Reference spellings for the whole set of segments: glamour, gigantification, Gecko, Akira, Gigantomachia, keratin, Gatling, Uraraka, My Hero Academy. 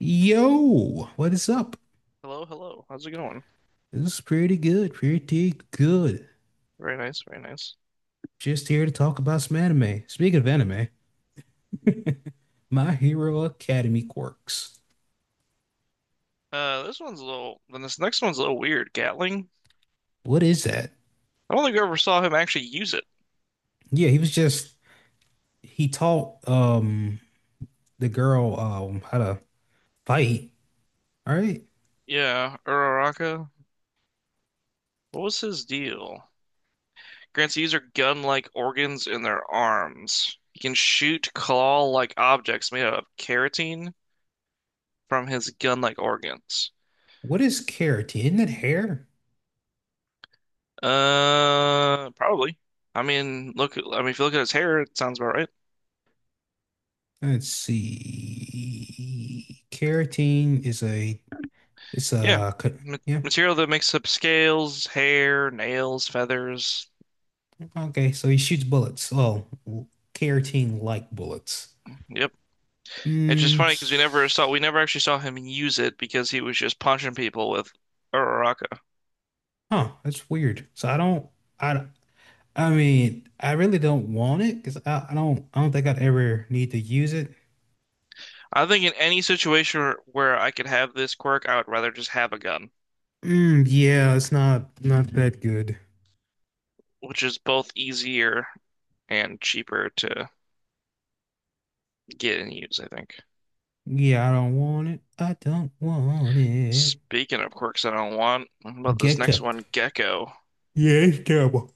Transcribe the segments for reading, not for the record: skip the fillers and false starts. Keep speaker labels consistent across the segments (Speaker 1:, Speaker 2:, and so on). Speaker 1: Yo, what is up?
Speaker 2: Hello, hello. How's it going?
Speaker 1: This is pretty good, pretty good.
Speaker 2: Very nice, very nice.
Speaker 1: Just here to talk about some anime. Speaking of anime, My Hero Academy quirks.
Speaker 2: This one's a little, then this next one's a little weird. Gatling.
Speaker 1: What is that?
Speaker 2: I don't think I ever saw him actually use it.
Speaker 1: Yeah, he was just he taught the girl how to fight. All right.
Speaker 2: Yeah, Uraraka. What was his deal? Grants the user gun-like organs in their arms. He can shoot claw-like objects made out of keratin from his gun-like organs.
Speaker 1: What is keratin? Isn't it hair?
Speaker 2: Probably. I mean, look. I mean, if you look at his hair, it sounds about right.
Speaker 1: Let's see. Keratin is a it's
Speaker 2: Yeah.
Speaker 1: a co-
Speaker 2: Ma-
Speaker 1: yeah.
Speaker 2: Material that makes up scales, hair, nails, feathers.
Speaker 1: Okay, so he shoots bullets. Well, keratin like bullets.
Speaker 2: Yep. It's just
Speaker 1: Mm,
Speaker 2: funny because we
Speaker 1: s-
Speaker 2: never actually saw him use it because he was just punching people with Uraraka.
Speaker 1: huh, that's weird. So I, I mean, I really don't want it because I don't think I'd ever need to use it.
Speaker 2: I think in any situation where I could have this quirk, I would rather just have a gun,
Speaker 1: Mm, yeah, it's not that good.
Speaker 2: which is both easier and cheaper to get and use, I think.
Speaker 1: Yeah, I don't want it. I don't want it.
Speaker 2: Speaking of quirks I don't want, what about this
Speaker 1: Gecko.
Speaker 2: next one, Gecko?
Speaker 1: Yeah, it's terrible.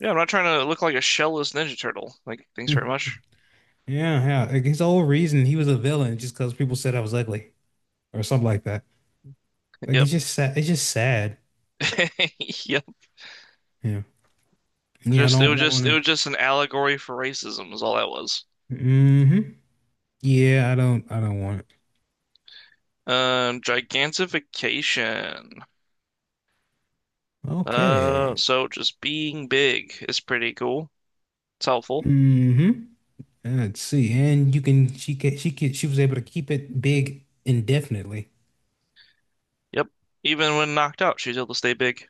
Speaker 2: Yeah, I'm not trying to look like a shellless Ninja Turtle. Like, thanks very
Speaker 1: Mm,
Speaker 2: much.
Speaker 1: yeah, yeah. Like his whole reason he was a villain just because people said I was ugly or something like that. Like it's
Speaker 2: Yep.
Speaker 1: just sad. It's just sad.
Speaker 2: Yep.
Speaker 1: Yeah. Yeah, I
Speaker 2: Just it
Speaker 1: don't
Speaker 2: was just
Speaker 1: want
Speaker 2: it
Speaker 1: it.
Speaker 2: was just an allegory for racism is all that was.
Speaker 1: Hmm. Yeah, I don't want it.
Speaker 2: Gigantification. Uh,
Speaker 1: Okay.
Speaker 2: so just being big is pretty cool. It's helpful.
Speaker 1: Hmm. Let's see. And you can she can she was able to keep it big indefinitely.
Speaker 2: Yep. Even when knocked out, she's able to stay big.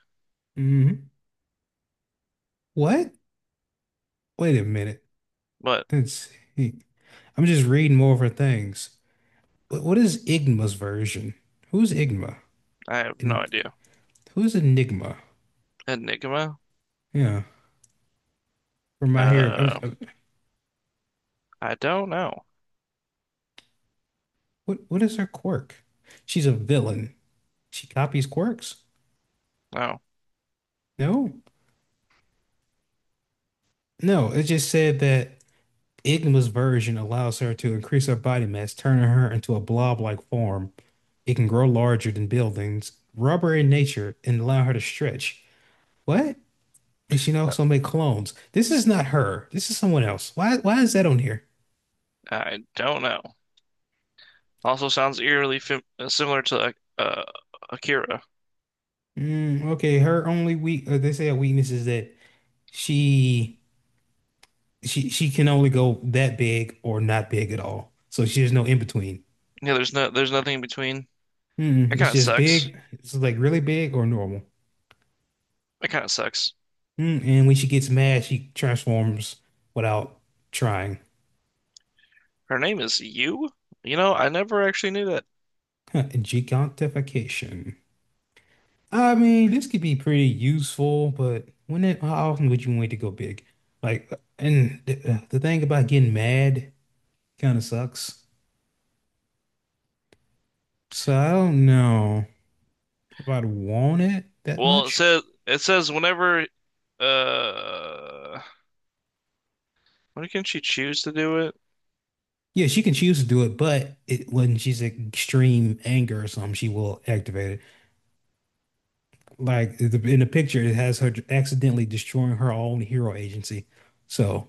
Speaker 1: Hmm. What? Wait a minute.
Speaker 2: But
Speaker 1: Let's see. I'm just reading more of her things. What is Igma's version? Who's Igma?
Speaker 2: I have no
Speaker 1: And
Speaker 2: idea.
Speaker 1: who's Enigma?
Speaker 2: Enigma?
Speaker 1: Yeah. From my hearing.
Speaker 2: Uh, I don't know.
Speaker 1: What is her quirk? She's a villain. She copies quirks?
Speaker 2: No,
Speaker 1: No. No, it just said that. Igma's version allows her to increase her body mass, turning her into a blob-like form. It can grow larger than buildings, rubber in nature, and allow her to stretch. What? And she can also make clones. This is not her. This is someone else. Why? Why is that on here?
Speaker 2: I don't know. Also sounds eerily fam similar to like, Akira.
Speaker 1: Mm, okay, her only weak. They say a weakness is that she she can only go that big or not big at all. So she has no in between.
Speaker 2: Yeah, there's nothing in between.
Speaker 1: Mm,
Speaker 2: That kind
Speaker 1: it's
Speaker 2: of
Speaker 1: just
Speaker 2: sucks.
Speaker 1: big. It's like really big or normal.
Speaker 2: That kind of sucks.
Speaker 1: Mm, and when she gets mad, she transforms without trying.
Speaker 2: Her name is Yu? You know, I never actually knew that.
Speaker 1: Gigantification. I mean, this could be pretty useful, but when it, how often would you wait to go big? Like, and the thing about getting mad kind of sucks. So I don't know if I'd want it that
Speaker 2: Well, it
Speaker 1: much.
Speaker 2: says whenever uh when can she choose to do it?
Speaker 1: Yeah, she can choose to do it, but it, when she's in extreme anger or something, she will activate it. Like the, in the picture, it has her accidentally destroying her own hero agency. So.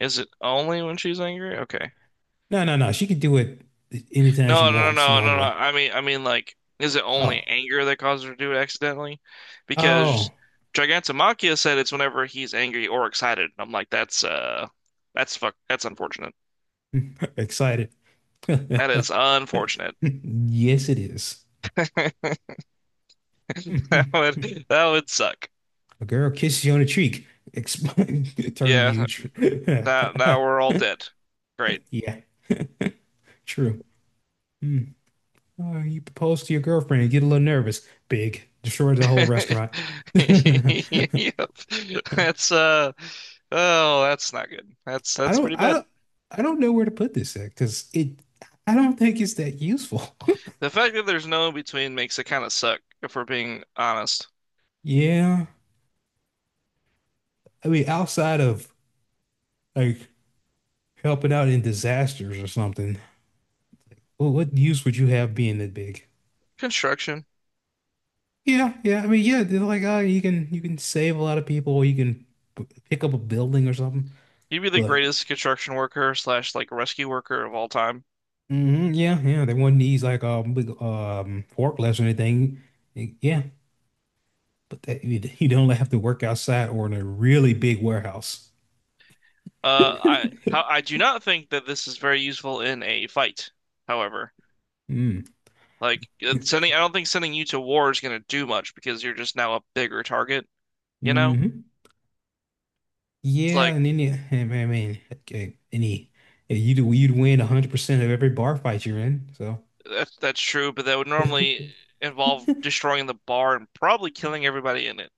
Speaker 2: Is it only when she's angry? Okay.
Speaker 1: No, no, no. She can do it anytime she
Speaker 2: No, no, no,
Speaker 1: wants
Speaker 2: no, no, no.
Speaker 1: normally.
Speaker 2: I mean like is it only
Speaker 1: Oh,
Speaker 2: anger that causes her to do it accidentally?
Speaker 1: oh,
Speaker 2: Because Gigantomachia said it's whenever he's angry or excited. I'm like that's fuck that's unfortunate.
Speaker 1: excited.
Speaker 2: That is unfortunate.
Speaker 1: Yes, it is.
Speaker 2: That
Speaker 1: A
Speaker 2: would that would suck.
Speaker 1: girl kisses you on the cheek. Exp turn
Speaker 2: Yeah,
Speaker 1: huge.
Speaker 2: now we're all dead. Great.
Speaker 1: Yeah, true. Hmm. Oh, you propose to your girlfriend and get a little nervous. Big. Destroys the whole restaurant. I
Speaker 2: Yep. That's uh oh, that's not good. That's
Speaker 1: don't,
Speaker 2: pretty
Speaker 1: I
Speaker 2: bad.
Speaker 1: don't, I don't know where to put this at because it, I don't think it's that useful.
Speaker 2: The fact that there's no in between makes it kind of suck, if we're being honest.
Speaker 1: Yeah. I mean, outside of like helping out in disasters or something. Well, what use would you have being that big?
Speaker 2: Construction.
Speaker 1: Yeah, yeah. I mean, yeah, they're like, oh, you can save a lot of people, or you can p- pick up a building or something.
Speaker 2: You'd be the
Speaker 1: But
Speaker 2: greatest construction worker slash like rescue worker of all time.
Speaker 1: mhm, yeah, yeah, they wouldn't need like big forklifts or anything. Yeah, but that, you you don't have to work outside or in a really big warehouse.
Speaker 2: I do not think that this is very useful in a fight, however.
Speaker 1: Mm.
Speaker 2: Like sending I don't think sending you to war is gonna do much because you're just now a bigger target, you know?
Speaker 1: Hmm.
Speaker 2: It's
Speaker 1: Yeah,
Speaker 2: like.
Speaker 1: and then you, I mean, okay, any you'd win 100% of every bar fight you're in. So.
Speaker 2: That's true, but that would normally involve destroying the bar and probably killing everybody in it,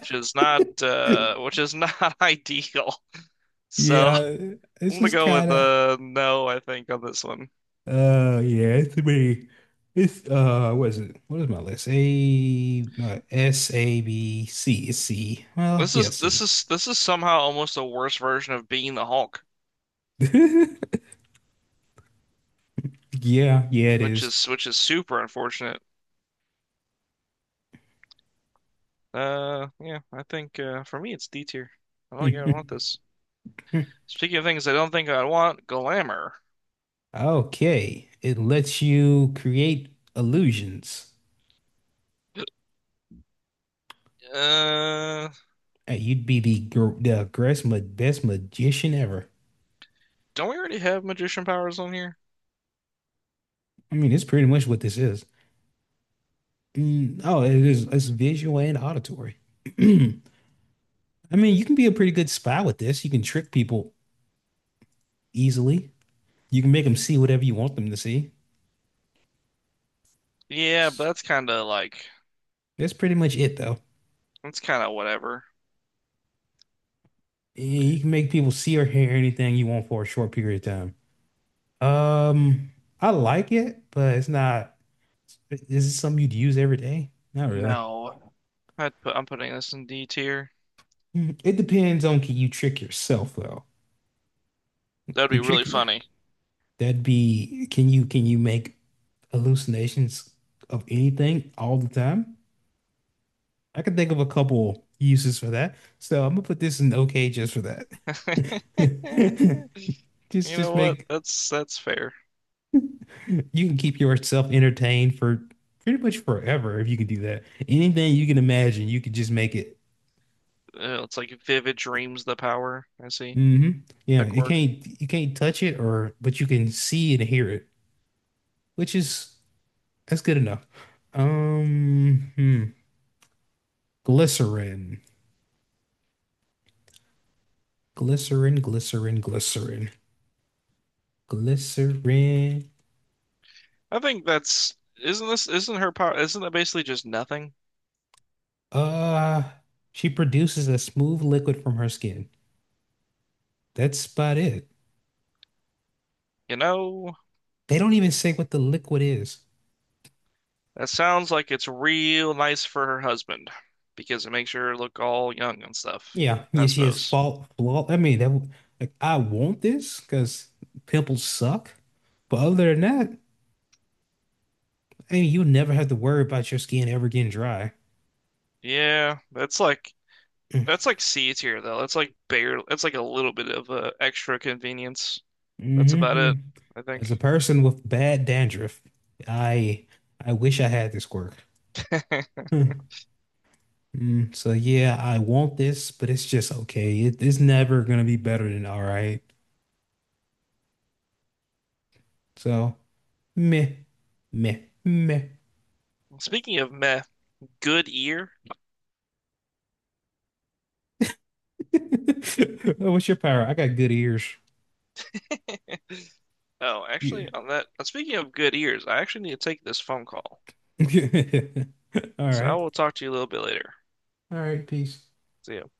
Speaker 2: which is not ideal. So
Speaker 1: Yeah,
Speaker 2: I'm
Speaker 1: it's
Speaker 2: gonna
Speaker 1: just
Speaker 2: go
Speaker 1: kind
Speaker 2: with
Speaker 1: of
Speaker 2: no, I think on this one.
Speaker 1: yeah, it's pretty it's what is it? What is my list? A S A B C it's C. Well,
Speaker 2: This
Speaker 1: yeah,
Speaker 2: is this
Speaker 1: C.
Speaker 2: is this is somehow almost a worse version of being the Hulk,
Speaker 1: Yeah, yeah, it is.
Speaker 2: which is super unfortunate. Yeah, I think for me it's D tier. I don't think I'd want this. Speaking of things I don't think I'd want, glamour.
Speaker 1: Okay, it lets you create illusions.
Speaker 2: Uh,
Speaker 1: Hey, you'd be the greatest ma best magician ever.
Speaker 2: don't we already have magician powers on here?
Speaker 1: I mean, it's pretty much what this is. Mm, oh, it is. It's visual and auditory. I mean, you can be a pretty good spy with this. You can trick people easily. You can make them see whatever you want them to see.
Speaker 2: Yeah, but
Speaker 1: That's pretty much it, though.
Speaker 2: that's kind of whatever.
Speaker 1: Yeah, you can make people see or hear anything you want for a short period of time. I like it, but it's not. Is it something you'd use every day? Not really.
Speaker 2: No, I'm putting this in D tier.
Speaker 1: Mm, it depends on can you trick yourself though. Can
Speaker 2: That'd
Speaker 1: you
Speaker 2: be really
Speaker 1: trick you?
Speaker 2: funny.
Speaker 1: That'd be can you make hallucinations of anything all the time? I can think of a couple uses for that. So I'm gonna put this in okay just for that.
Speaker 2: You
Speaker 1: Just
Speaker 2: know what?
Speaker 1: make
Speaker 2: That's fair.
Speaker 1: you can keep yourself entertained for pretty much forever if you can do that. Anything you can imagine, you can just make it.
Speaker 2: It's like vivid dreams the power. I see
Speaker 1: Hmm. Yeah,
Speaker 2: the
Speaker 1: it
Speaker 2: quirk.
Speaker 1: can't you can't touch it or but you can see and hear it, which is that's good enough. Hmm. Glycerin. Glycerin, glycerin, glycerin. Glycerin.
Speaker 2: I think that's isn't her power? Isn't that basically just nothing?
Speaker 1: Uh, she produces a smooth liquid from her skin. That's about it.
Speaker 2: You know,
Speaker 1: They don't even say what the liquid is.
Speaker 2: that sounds like it's real nice for her husband because it makes her look all young and stuff,
Speaker 1: Yeah, yeah,
Speaker 2: I
Speaker 1: she has
Speaker 2: suppose.
Speaker 1: fault flaw. I mean, that w- like I want this because pimples suck. But other than that, I mean, you never have to worry about your skin ever getting dry.
Speaker 2: Yeah, that's like C tier though. That's like barely. That's like a little bit of extra convenience. That's about
Speaker 1: Hmm.
Speaker 2: it, I
Speaker 1: As
Speaker 2: think.
Speaker 1: a person with bad dandruff, I I wish I had this quirk. Hmm. Mm, so yeah, I want this, but it's just okay. It's never gonna be better than all right. So. Meh, meh, meh.
Speaker 2: Speaking of meh, good ear.
Speaker 1: Oh, what's your power? I got good ears.
Speaker 2: Oh, actually,
Speaker 1: Yeah.
Speaker 2: on that. Speaking of good ears, I actually need to take this phone call.
Speaker 1: All
Speaker 2: So I
Speaker 1: right.
Speaker 2: will talk to you a little bit later.
Speaker 1: All right. Peace.
Speaker 2: See ya.